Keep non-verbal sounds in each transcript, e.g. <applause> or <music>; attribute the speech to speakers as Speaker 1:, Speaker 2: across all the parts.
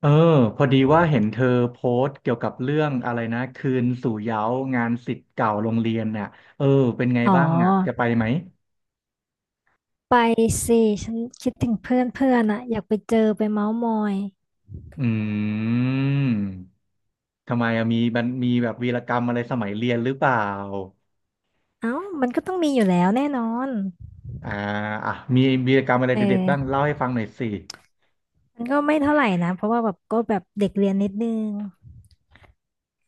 Speaker 1: เออพอดีว่าเห็นเธอโพสต์เกี่ยวกับเรื่องอะไรนะคืนสู่เหย้างานศิษย์เก่าโรงเรียนน่ะเออเป็นไง
Speaker 2: อ๋อ
Speaker 1: บ้างอ่ะจะไปไหม
Speaker 2: ไปสิฉันคิดถึงเพื่อนเพื่อนอะอยากไปเจอไปเม้าท์มอย
Speaker 1: อืมทำไมอะมีมีแบบวีรกรรมอะไรสมัยเรียนหรือเปล่า
Speaker 2: เอ้ามันก็ต้องมีอยู่แล้วแน่นอน
Speaker 1: อ่าอ่ะมีวีรกรรมอะไร
Speaker 2: เอ
Speaker 1: เด็ดๆ
Speaker 2: อ
Speaker 1: บ้างเล่าให้ฟังหน่อยสิ
Speaker 2: มันก็ไม่เท่าไหร่นะเพราะว่าแบบก็แบบเด็กเรียนนิดนึง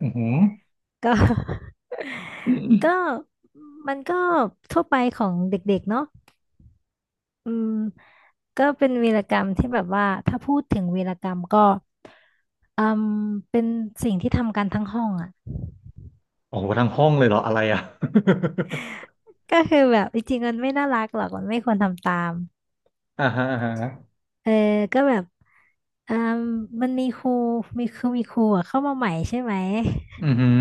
Speaker 1: อือหือ
Speaker 2: ก็ <laughs> ก็มันก็ทั่วไปของเด็กๆเนาะ อืมก็เป็นวีรกรรมที่แบบว่าถ้าพูดถึงวีรกรรมก็อืมเป็นสิ่งที่ทำกันทั้งห้องอ่ะ
Speaker 1: โอ้โหทั้งห้องเลยเหรออะไรอ่ะ
Speaker 2: ก็คือแบบจริงๆมันไม่น่ารักหรอกมันไม่ควรทำตาม
Speaker 1: <laughs> อ่าฮะอ่าฮะ
Speaker 2: เออก็แบบอืมมันมีครูมีครูอะเข้ามาใหม่ใช่ไหม
Speaker 1: อือหือ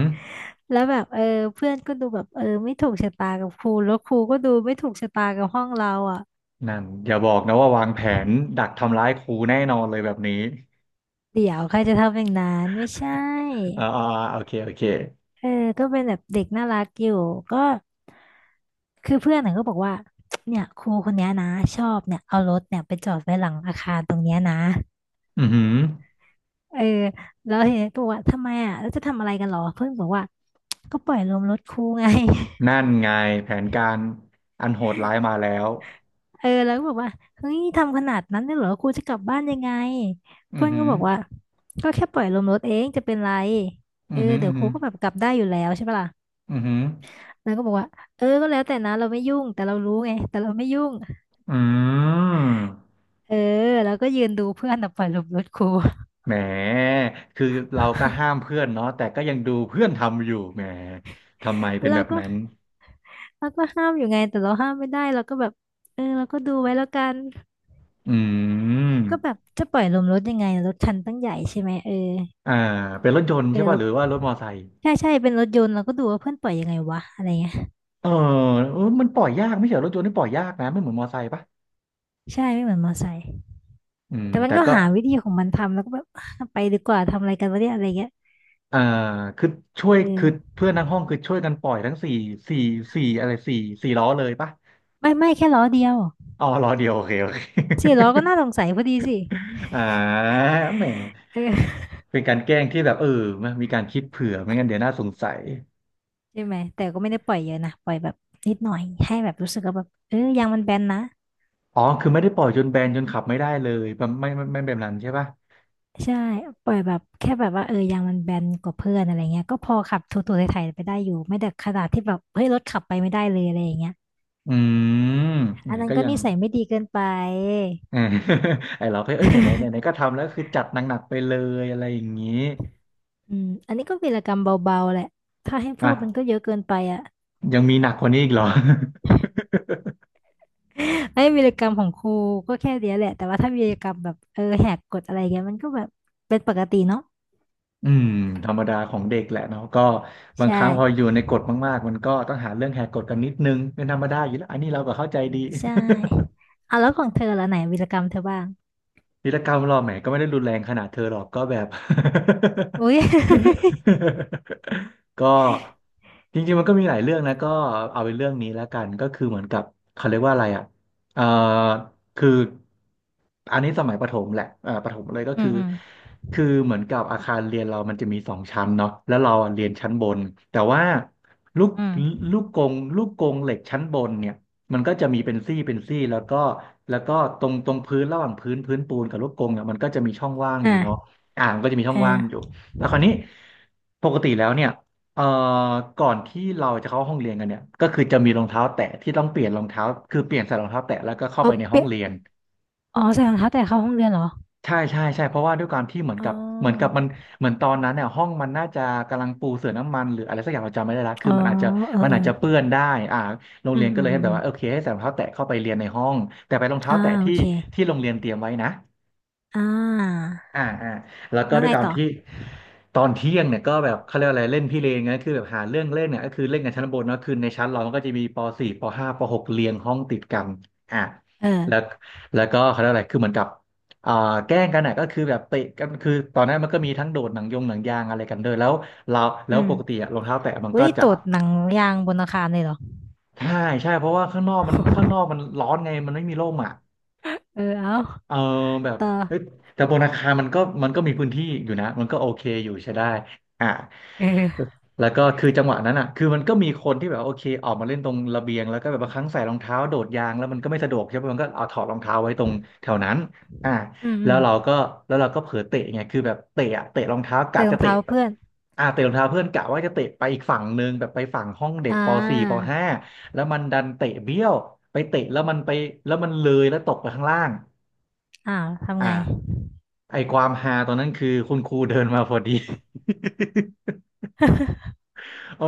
Speaker 2: แล้วแบบเออเพื่อนก็ดูแบบเออไม่ถูกชะตากับครูแล้วครูก็ดูไม่ถูกชะตากับห้องเราอ่ะ
Speaker 1: นั่นอย่าบอกนะว่าวางแผนดักทำร้ายครูแน่นอนเลยแบบนี้
Speaker 2: เดี๋ยวใครจะทำอย่างนั้นไม่ใช่
Speaker 1: อ่าอ่าอ่าโอเคโอเค
Speaker 2: เออก็เป็นแบบเด็กน่ารักอยู่ก็คือเพื่อนน่ะก็บอกว่าเนี่ยครูคนเนี้ยนะชอบเนี่ยเอารถเนี่ยไปจอดไว้หลังอาคารตรงเนี้ยนะ
Speaker 1: อือหือ
Speaker 2: เออแล้วเห็นบอกว่าทำไมอ่ะแล้วจะทำอะไรกันหรอเพื่อนบอกว่าก็ปล่อยลมรถครูไง <laughs>
Speaker 1: นั่นไงแผนการอันโหดร้ายมาแล้ว
Speaker 2: เออแล้วก็บอกว่าเฮ้ยทำขนาดนั้นเลยเหรอครูจะกลับบ้านยังไง
Speaker 1: อื
Speaker 2: เพื่
Speaker 1: อ
Speaker 2: อน
Speaker 1: หื
Speaker 2: ก็
Speaker 1: อ
Speaker 2: บอกว่าก็แค่ปล่อยลมรถเองจะเป็นไร
Speaker 1: อื
Speaker 2: เอ
Speaker 1: อ
Speaker 2: อ
Speaker 1: หืออื
Speaker 2: เดี๋ย
Speaker 1: อ
Speaker 2: วค
Speaker 1: หื
Speaker 2: รู
Speaker 1: อ
Speaker 2: ก็แบบกลับได้อยู่แล้วใช่ปะล่ะ
Speaker 1: อือหือ
Speaker 2: แล้วก็บอกว่าเออก็แล้วแต่นะเราไม่ยุ่งแต่เรารู้ไงแต่เราไม่ยุ่ง
Speaker 1: อืม
Speaker 2: เออแล้วก็ยืนดูเพื่อนน่ะปล่อยลมรถครู
Speaker 1: แหมคือเราก็ห้า
Speaker 2: <laughs>
Speaker 1: มเพื่อนเนาะแต่ก็ยังดูเพื่อนทำอยู่แหมทำไมเป็น
Speaker 2: เรา
Speaker 1: แบบ
Speaker 2: ก็
Speaker 1: นั้น
Speaker 2: เราก็ห้ามอยู่ไงแต่เราห้ามไม่ได้เราก็แบบเออเราก็ดูไว้แล้วกัน
Speaker 1: อื
Speaker 2: ก็แบ
Speaker 1: ม
Speaker 2: บจะปล่อยลมรถยังไงรถคันตั้งใหญ่ใช่ไหมเออ
Speaker 1: อ่าเป็นรถยนต์
Speaker 2: เอ
Speaker 1: ใช่
Speaker 2: อ
Speaker 1: ป่ะ
Speaker 2: เรา
Speaker 1: หรือว่ารถมอไซค์
Speaker 2: ใช่ใช่เป็นรถยนต์เราก็ดูว่าเพื่อนปล่อยยังไงวะอะไรเงี้ย
Speaker 1: เออเออมันปล่อยยากไม่ใช่เหรอรถยนต์นี่ปล่อยยากนะไม่เหมือนมอไซค์ป่ะ
Speaker 2: ใช่ไม่เหมือนมอไซค์
Speaker 1: อืม
Speaker 2: แต่มัน
Speaker 1: แต่
Speaker 2: ก็
Speaker 1: ก็
Speaker 2: หาวิธีของมันทำแล้วก็แบบไปดีกว่าทำอะไรกันวะเนี่ยอะไรเงี้ย
Speaker 1: อ่าคือช่วย
Speaker 2: เออ
Speaker 1: คือเพื่อนทั้งห้องคือช่วยกันปล่อยทั้งสี่สี่สี่อะไรสี่สี่ล้อเลยปะ
Speaker 2: ไม่แค่ล้อเดียว
Speaker 1: อ๋อล้อเดียวโอเคโอเค <laughs>
Speaker 2: สี่ล้อก็น่าสงสัยพอดีสิ
Speaker 1: อ่าแหมเป็นการแกล้งที่แบบมันมีการคิดเผื่อไม่งั้นเดี๋ยวน่าสงสัย
Speaker 2: ใช่ไหมแต่ก็ไม่ได้ปล่อยเยอะนะปล่อยแบบนิดหน่อยให้แบบรู้สึกว่าแบบเออยางมันแบนนะ
Speaker 1: อ๋อคือไม่ได้ปล่อยจนแบนจนขับไม่ได้เลยแบบไม่แบบนั้นใช่ปะ
Speaker 2: ใช่ปล่อยแบบแค่แบบว่าเออยางมันแบนกว่าเพื่อนอะไรเงี้ยก็พอขับถูๆไถๆไปได้อยู่ไม่ได้ขนาดที่แบบเฮ้ยรถขับไปไม่ได้เลยอะไรอย่างเงี้ย
Speaker 1: อืม
Speaker 2: อัน
Speaker 1: เนี่ย
Speaker 2: นั้น
Speaker 1: ก็
Speaker 2: ก็
Speaker 1: ยัง
Speaker 2: นิสัยไม่ดี
Speaker 1: <laughs>
Speaker 2: เกินไป
Speaker 1: เออ <laughs> ไอเราก็เอ้ยไหนไหนไหนไหนก็ทำแล้วคือจัดหนักๆไปเลยอะไรอย่างนี้
Speaker 2: อืมอันนี้ก็วีรกรรมเบาๆแหละถ้าให้
Speaker 1: อ
Speaker 2: พูดมันก็เย
Speaker 1: ่ะ
Speaker 2: อะเกินไปอ่ะ
Speaker 1: ยังมีหนักกว่านี้อีกเหรอ
Speaker 2: <laughs> ไม่วีรกรรมของครูก็แค่เดียวแหละแต่ว่าถ้าวีรกรรมแบบเออแหกกฎอะไรเงี้ยมันก็แบบเป็นปกติเนาะ
Speaker 1: อืมธรรมดาของเด็กแหละเนาะก็บางค
Speaker 2: ใช่
Speaker 1: รั้งพออยู่ในกฎมากๆมันก็ต้องหาเรื่องแหกกฎกันนิดนึงเป็นธรรมดาอยู่แล้วอันนี้เราก็เข้าใจดี
Speaker 2: ใช่เอาแล้วของเธอละไหนวีรกรรมเธอบ้าง
Speaker 1: วีรกรรมหรอแหมก็ไม่ได้รุนแรงขนาดเธอหรอกก็แบบ
Speaker 2: อุ้ย <laughs>
Speaker 1: <laughs> ก็จริงๆมันก็มีหลายเรื่องนะก็เอาเป็นเรื่องนี้แล้วกันก็คือเหมือนกับเขาเรียกว่าอะไรอ่ะเอ่อคืออันนี้สมัยประถมแหละประถมเลยก็
Speaker 2: อื
Speaker 1: คือ
Speaker 2: มอืม
Speaker 1: คือเหมือนกับอาคารเรียนเรามันจะมีสองชั้นเนาะแล้วเราอะเรียนชั้นบนแต่ว่าลูก
Speaker 2: อืม
Speaker 1: ลูกกงลูกกงเหล็กชั้นบนเนี่ย มันก็จะมีเป็นซี่เป็นซี่แล้วก็ตรงพื้นระหว่างพื้นปูนกับลูกกรงเนี่ยมันก็จะมีช่องว่างอยู่เนาะ
Speaker 2: อ่า
Speaker 1: มันก็จะมีช่อง
Speaker 2: อ่
Speaker 1: ว่างอยู่
Speaker 2: า
Speaker 1: แล้วคราวนี้ปกติแล้วเนี่ยเอ่อก่อนที่เราจะเข้าห้องเรียนกันเนี่ยก็คือจะมีรองเท้าแตะที่ต้องเปลี่ยนรองเท้าคือเปลี่ยนใส่รองเท้าแตะแล้วก็เข้า
Speaker 2: เอา
Speaker 1: ไปในห้อ
Speaker 2: เปี
Speaker 1: ง
Speaker 2: ย
Speaker 1: เรียน
Speaker 2: อ๋อใส่รองเท้าแตะเข้าห้องเรียนเหรอ
Speaker 1: ใช่ใช่ใช่เพราะว่าด้วยความที่เหมือน
Speaker 2: อ๋
Speaker 1: กับเหมือนกับ
Speaker 2: อ
Speaker 1: มันเหมือนตอนนั้นเนี่ยห้องมันน่าจะกำลังปูเสื่อน้ำมันหรืออะไรสักอย่างเราจำไม่ได้ละ
Speaker 2: อ๋
Speaker 1: คือ
Speaker 2: อ
Speaker 1: มันอาจจะ
Speaker 2: เออ
Speaker 1: มัน
Speaker 2: เอ
Speaker 1: อาจ
Speaker 2: อ
Speaker 1: จะเปื้อนได้อ่าโรง
Speaker 2: อื
Speaker 1: เรีย
Speaker 2: ม
Speaker 1: นก็
Speaker 2: อื
Speaker 1: เล
Speaker 2: ม
Speaker 1: ย
Speaker 2: อื
Speaker 1: ให้
Speaker 2: ม
Speaker 1: แบ
Speaker 2: อื
Speaker 1: บ
Speaker 2: ม
Speaker 1: ว่าโอเคให้ใส่รองเท้าแตะเข้าไปเรียนในห้องแต่ไปนรองเท้า
Speaker 2: อ่า
Speaker 1: แตะ
Speaker 2: โอ
Speaker 1: ที่
Speaker 2: เค
Speaker 1: ที่โรงเรียนเตรียมไว้นะ
Speaker 2: อ่า
Speaker 1: อ่าอ่าแล้วก็
Speaker 2: แล้ว
Speaker 1: ด้วย
Speaker 2: ไง
Speaker 1: การ
Speaker 2: ต่อ
Speaker 1: ที่ตอนเที่ยงเนี่ยก็แบบเขาเรียกอะไรเล่นพี่เลนไงคือแบบหาเรื่องเล่นเนี่ยก็คือเล่นกันชั้นบนเนอะคือในชั้นเรามันก็จะมีปสี่ปห้าปหกเรียงห้องติดกันอ่า
Speaker 2: เออ
Speaker 1: แล้วแล้วก็เขาเรียกอะไรคือเหมือนกับอ่าแกล้งกันอ่ะก็คือแบบเตะกันคือตอนนั้นมันก็มีทั้งโดดหนังยงหนังยางอะไรกันด้วยแล้วเราแล้
Speaker 2: อื
Speaker 1: วปกติ
Speaker 2: ม
Speaker 1: อะรองเท้าแตะมัน
Speaker 2: วัน
Speaker 1: ก็
Speaker 2: นี้
Speaker 1: จะ
Speaker 2: ตรวจหนังยางบนอาคารเลยเหรอ
Speaker 1: ใช่ใช่เพราะว่าข้างนอกมัน
Speaker 2: <laughs>
Speaker 1: ร้อนไงมันไม่มีร่มอ่ะ
Speaker 2: เออเอา
Speaker 1: เออแบบ
Speaker 2: ต่อ
Speaker 1: เฮ้ยแต่บนอาคารมันก็มีพื้นที่อยู่นะมันก็โอเคอยู่ใช้ได้อ่า
Speaker 2: เออ
Speaker 1: แล้วก็คือจังหวะนั้นอ่ะคือมันก็มีคนที่แบบว่าโอเคออกมาเล่นตรงระเบียงแล้วก็แบบบางครั้งใส่รองเท้าโดดยางแล้วมันก็ไม่สะดวกใช่ไหมมันก็เอาถอดรองเท้าไว้ตรงแถวนั้นอ่า
Speaker 2: อืมอื
Speaker 1: แล้ว
Speaker 2: ม
Speaker 1: เราก็แล้วเราก็เผลอเตะไงคือแบบเตะอะเตะรองเท้ากะ
Speaker 2: เตะรอ
Speaker 1: จะ
Speaker 2: ง
Speaker 1: เตะ
Speaker 2: เท้า
Speaker 1: ไป
Speaker 2: เพื่อน
Speaker 1: เตะรองเท้าเพื่อนกะว่าจะเตะไปอีกฝั่งหนึ่งแบบไปฝั่งห้องเด็ก
Speaker 2: อ่
Speaker 1: ป .4 ป
Speaker 2: า
Speaker 1: .5 แล้วมันดันเตะเบี้ยวไปเตะแล้วมันไปแล้วมันเลยแล้วตกไปข้างล่าง
Speaker 2: อ้าว
Speaker 1: อ
Speaker 2: ทำไง
Speaker 1: ่าไอความฮาตอนนั้นคือคุณครูเดินมาพอดี
Speaker 2: <laughs>
Speaker 1: <laughs> เออ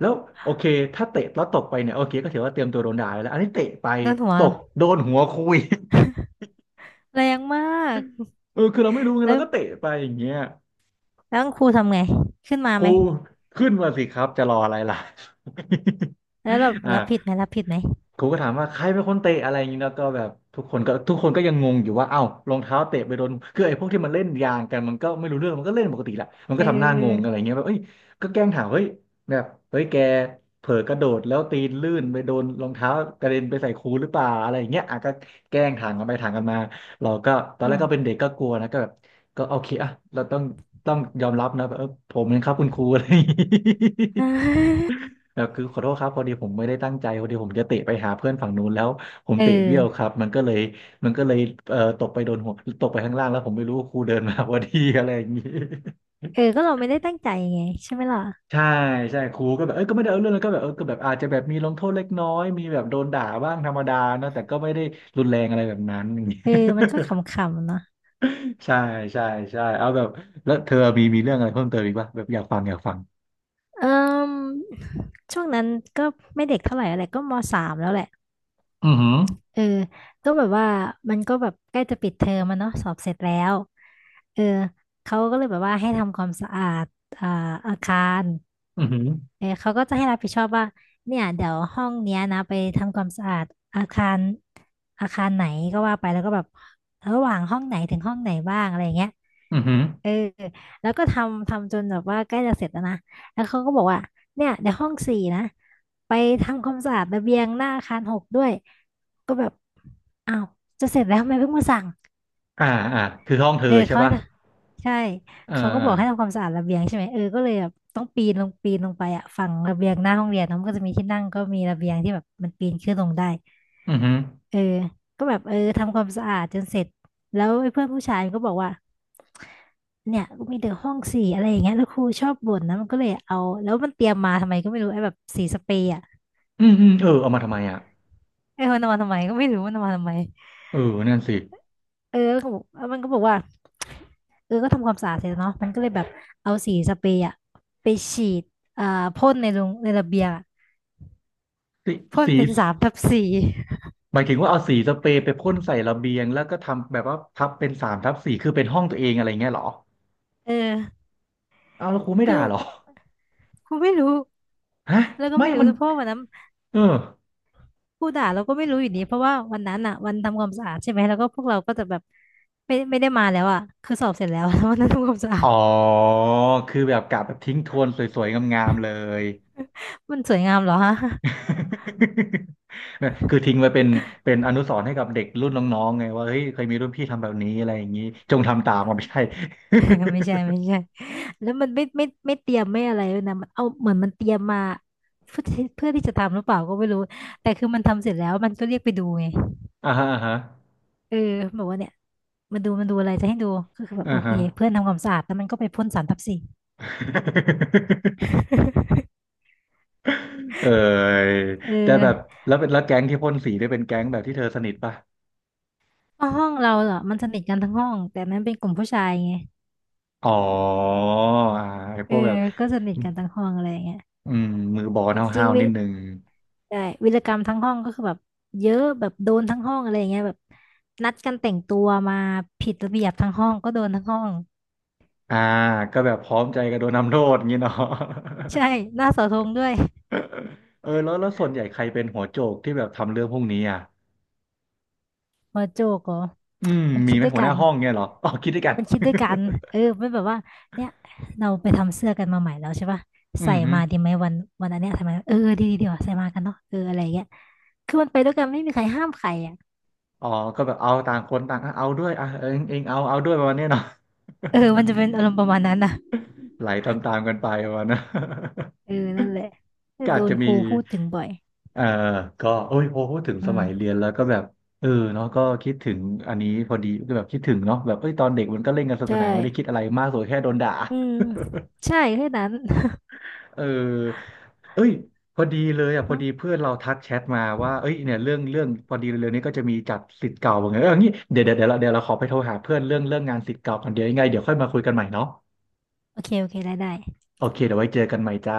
Speaker 1: แล้วโอเคถ้าเตะแล้วตกไปเนี่ยโอเคก็ถือว่าเตรียมตัวโดนด่าไปแล้วอันนี้เตะไป
Speaker 2: โดนหัว
Speaker 1: ต
Speaker 2: เหร
Speaker 1: ก
Speaker 2: อ
Speaker 1: โดนหัวครูอีก <laughs>
Speaker 2: แรงมาก
Speaker 1: เออคือเราไม่รู้ไง
Speaker 2: แล้
Speaker 1: เรา
Speaker 2: ว
Speaker 1: ก็เตะไปอย่างเงี้ย
Speaker 2: แล้วครูทำไงขึ้นมา
Speaker 1: ค
Speaker 2: ไห
Speaker 1: รู
Speaker 2: ม
Speaker 1: ขึ้นมาสิครับจะรออะไรล่ะ
Speaker 2: แล้วแบบ
Speaker 1: <laughs> อ่า
Speaker 2: รับผิดไหมรับผิดไหม
Speaker 1: ครูก็ถามว่าใครเป็นคนเตะอะไรอย่างนี้แล้วก็แบบทุกคนก็ยังงงอยู่ว่าเอ้ารองเท้าเตะไปโดนคือไอ้พวกที่มันเล่นยางกันมันก็ไม่รู้เรื่องมันก็เล่นปกติแหละมัน
Speaker 2: เอ
Speaker 1: ก็
Speaker 2: อ
Speaker 1: ทำหน้า
Speaker 2: เอ
Speaker 1: งงอะไร
Speaker 2: อ
Speaker 1: เงี้ยแบบเอ้ยก็แกล้งถามเฮ้ยแบบเฮ้ยแกเผลอกระโดดแล้วตีนลื่นไปโดนรองเท้ากระเด็นไปใส่ครูหรือเปล่าอะไรอย่างเงี้ยอ่ะก็แกล้งถามกันไปถามกันมาเราก็ตอน
Speaker 2: อื
Speaker 1: แรก
Speaker 2: ม
Speaker 1: ก็เป็นเด็กก็กลัวนะก็แบบก็โอเคอ่ะเราต้องยอมรับนะแบบเออผมเองครับคุณครูอะไรอย่างงี้
Speaker 2: <laughs> อ่
Speaker 1: <laughs>
Speaker 2: า
Speaker 1: เออคือขอโทษครับพอดีผมไม่ได้ตั้งใจพอดีผมจะเตะไปหาเพื่อนฝั่งนู้นแล้วผม
Speaker 2: เออ
Speaker 1: เตะเบี้ยวครับมันก็เลยตกไปโดนหัวตกไปข้างล่างแล้วผมไม่รู้ครูเดินมา <laughs> พอดีอะไรอย่างนี้ <laughs>
Speaker 2: เออก็เราไม่ได้ตั้งใจไงใช่ไหมล่ะ
Speaker 1: ใช่ใช่ครูก็แบบเอ้ยก็ไม่ได้เอาเรื่องแล้วก็แบบเออก็แบบอาจจะแบบมีลงโทษเล็กน้อยมีแบบโดนด่าบ้างธรรมดาเนอะแต่ก็ไม่ได้รุนแรงอะไรแบบนั้นอย่างนี้
Speaker 2: เออมันก็ขำๆเนาะ
Speaker 1: <laughs> ใช่ใช่ใช่เอาแบบแล้วเธอมีเรื่องอะไรเพิ่มเติมอีกป่ะแบบอยากฟัง
Speaker 2: เออช่วงนั้นก็ไม่เด็กเท่าไหร่อะไรก็มสามแล้วแหละ
Speaker 1: อือหือ
Speaker 2: เออก็แบบว่ามันก็แบบใกล้จะปิดเทอมมันเนาะสอบเสร็จแล้วเออเขาก็เลยแบบว่าให้ทำความสะอาดอ่าอาคาร
Speaker 1: อือหือ
Speaker 2: เออเขาก็จะให้รับผิดชอบว่าเนี่ยเดี๋ยวห้องเนี้ยนะไปทำความสะอาดอาคารอาคารไหนก็ว่าไปแล้วก็แบบระหว่างห้องไหนถึงห้องไหนบ้างอะไรอย่างเงี้ย
Speaker 1: อือหือ
Speaker 2: เออแล้วก็ทำจนแบบว่าใกล้จะเสร็จแล้วนะแล้วเขาก็บอกว่าเนี่ยเดี๋ยวห้องสี่นะไปทำความสะอาดระเบียงหน้าอาคารหกด้วย ก็แบบอ้าวจะเสร็จแล้วทำไมเพิ่งมาสั่ง
Speaker 1: อ่าอ่าคือห้องเธอ
Speaker 2: เออ
Speaker 1: ใช่
Speaker 2: เขาให้
Speaker 1: ป่ะ
Speaker 2: นะใช่
Speaker 1: เออ
Speaker 2: เขาก็
Speaker 1: เออ
Speaker 2: บอกให้ทำความสะอาดระเบียงใช่ไหมเออก็เลยแบบต้องปีนลงไปอะฝั่งระเบียงหน้าห้องเรียนเนอะมันก็จะมีที่นั่งก็มีระเบียงที่แบบมันปีนขึ้นลงได้
Speaker 1: อือหือ
Speaker 2: เออก็แบบเออทำความสะอาดจนเสร็จแล้วไอ้เพื่อนผู้ชายก็บอกว่าเนี่ยก็มีแต่ห้องสีอะไรอย่างเงี้ยแล้วครูชอบบ่นนะมันก็เลยเอาแล้วมันเตรียมมาทำไมก็ไม่รู้ไอ้แบบสีสเปรย์อะ
Speaker 1: อืมอืมเออเอามาทำไมอ่ะ
Speaker 2: ไอ้มันเอามาทำไมก็ไม่รู้มันเอามาทำไม
Speaker 1: เออนั่นสิ
Speaker 2: เออแล้วก็บอกแล้วมันก็บอกว่า เออก็ทำความสะอาดเสร็จแล้วเนาะมันก็เลยแบบเอาสีสเปรย์อะไปฉีดอ่าพ่นในลงในระเบียงอะ
Speaker 1: สี
Speaker 2: พ่น
Speaker 1: สี
Speaker 2: เป็น3/4
Speaker 1: หมายถึงว่าเอาสีสเปรย์ไปพ่นใส่ระเบียงแล้วก็ทำแบบว่าทับเป็นสามทับสี่คือเป็นห้องตัวเองอะไรเงี้ยเหรอ
Speaker 2: เออ
Speaker 1: เอาแล้วครูไม่ด่า
Speaker 2: คือ
Speaker 1: เหรอ
Speaker 2: กูไม่รู้
Speaker 1: ฮะ
Speaker 2: แล้วก็
Speaker 1: ไม่
Speaker 2: ไม่รู้
Speaker 1: มัน
Speaker 2: นะเพราะว่าวันนั้น
Speaker 1: เออ
Speaker 2: ผู้ด่าเราก็ไม่รู้อยู่ดีเพราะว่าวันนั้นอะวันทำความสะอาดใช่ไหมแล้วก็พวกเราก็จะแบบไม่ได้มาแล้วอะคือสอบเสร็จแล้ว <laughs> วันนั้นทำความสะอา
Speaker 1: อ๋อ
Speaker 2: ด
Speaker 1: คือแบบกะแบบทิ้งทวนสวยๆงามๆเลย
Speaker 2: มันสวยงามเหรอฮะ
Speaker 1: <laughs> คือทิ้งไว้เป็นอนุสรณ์ให้กับเด็กรุ่นน้องๆไงว่าเฮ้ยเคยมีรุ่นพี่ทำแบบนี้อะไรอย่างนี้จงทำตามมันไม่ใช่
Speaker 2: <laughs> ไม่ใช่ไม่ใช่ แล้วมันไม่เตรียมไม่อะไรเลยนะมันเอาเหมือนมันเตรียมมาเพื่อที่จะทำหรือเปล่าก็ไม่รู้แต่คือมันทำเสร็จแล้วมันก็เรียกไปดูไง
Speaker 1: <laughs> อ่าฮะอ่าฮะ
Speaker 2: เออบอกว่าเนี่ยมาดูมันดูอะไรจะให้ดูก็คือแบบ
Speaker 1: อ่า
Speaker 2: โอเค
Speaker 1: ฮะ
Speaker 2: เพื่อนทำความสะอาดแล้วมันก็ไปพ่นสารทับสี <laughs>
Speaker 1: เออ
Speaker 2: เออ
Speaker 1: แต่แบบแล้วแก๊งที่พ่นสีได้เป็นแก๊งแบบที่เธอสนิทป่ะ
Speaker 2: เพราะห้องเราเหรอมันสนิทกันทั้งห้องแต่มันเป็นกลุ่มผู้ชายไง
Speaker 1: อ๋ออ่าไอ้พ
Speaker 2: เอ
Speaker 1: วกแบ
Speaker 2: อ
Speaker 1: บ
Speaker 2: ก็สนิทกันทั้งห้องอะไรอย่างเงี้ย
Speaker 1: อืมมือบอล
Speaker 2: จริ
Speaker 1: ห้า
Speaker 2: ง
Speaker 1: ว
Speaker 2: ๆ
Speaker 1: ๆนิดนึง
Speaker 2: ใช่วีรกรรมทั้งห้องก็คือแบบเยอะแบบโดนทั้งห้องอะไรอย่างเงี้ยแบบนัดกันแต่งตัวมาผิดระเบียบทั้งห้องก็โดนทั้งห้อง
Speaker 1: อ่าก็แบบพร้อมใจกันโดนทำโทษอย่างนี้เนาะ
Speaker 2: ใช่หน้าเสาธงด้วย
Speaker 1: <laughs> เออแล้วส่วนใหญ่ใครเป็นหัวโจกที่แบบทำเรื่องพวกนี้อ่ะ
Speaker 2: หัวโจกเหรอ
Speaker 1: อืม
Speaker 2: มัน
Speaker 1: มี
Speaker 2: คิด
Speaker 1: ไหม
Speaker 2: ด้วย
Speaker 1: หัวห
Speaker 2: กั
Speaker 1: น้า
Speaker 2: น
Speaker 1: ห้องเงี้ยเหรอ <laughs> อ๋อคิดด้วยกัน
Speaker 2: มันคิดด้วยกันเออมันแบบว่าเนี่ยเราไปทำเสื้อกันมาใหม่แล้วใช่ปะ
Speaker 1: <laughs> อื
Speaker 2: ใส่
Speaker 1: มฮึ
Speaker 2: มาดีไหมวันอันเนี้ยใส่มาเออดีว่ะใส่มากันเนาะเอออะไรเงี้ยคือมันไปด้วยกันไม่มีใครห้ามใครอ่ะ
Speaker 1: อ๋อก็แบบเอาต่างคนต่างอ่ะเอาด้วยอ่ะเองเอาเอาด้วยประมาณเนี้ยเนาะ
Speaker 2: เออมันจะเป็นอารมณ์ประมาณนั้นน่ะ
Speaker 1: ไหลตามๆกันไปประมาณนะ
Speaker 2: เออนั่นแหละ
Speaker 1: <laughs> ก็
Speaker 2: โด
Speaker 1: อาจ
Speaker 2: น
Speaker 1: จะ
Speaker 2: ค
Speaker 1: มี
Speaker 2: รูพูดถึงบ่อย
Speaker 1: เออก็โอ้ยพอพูดถึง
Speaker 2: อื
Speaker 1: สมัยเรี
Speaker 2: ม
Speaker 1: ยนแล้วก็แบบเออเนาะก็คิดถึงอันนี้พอดีก็แบบคิดถึงเนาะแบบเอ้ยตอนเด็กมันก็เล่นกันสนุกส
Speaker 2: ใช่
Speaker 1: นานไม่ได้คิดอะไรมากสุดแค่โดนด่า
Speaker 2: อืมใช่แค่นั้น
Speaker 1: เออเอ้ยพอดีเลยอ่ะ
Speaker 2: อื
Speaker 1: พอ
Speaker 2: ม
Speaker 1: ดีเพื่อนเราทักแชทมาว่าเอ้ยเนี่ยเรื่องพอดีเร็วๆนี้ก็จะมีจัดศิษย์เก่าเหมอนกันเงี้ยเอองี้เดี๋ยวเดี๋ยวเดี๋ยวเราเดี๋ยวเราขอไปโทรหาเพื่อนเรื่องงานศิษย์เก่าก่อนเดี๋ยวยังไงเดี๋ยวค่อยมาคุยกันใหม่เนาะ
Speaker 2: โอเคโอเคได้ได้
Speaker 1: โอเคเดี๋ยวไว้เจอกันใหม่จ้า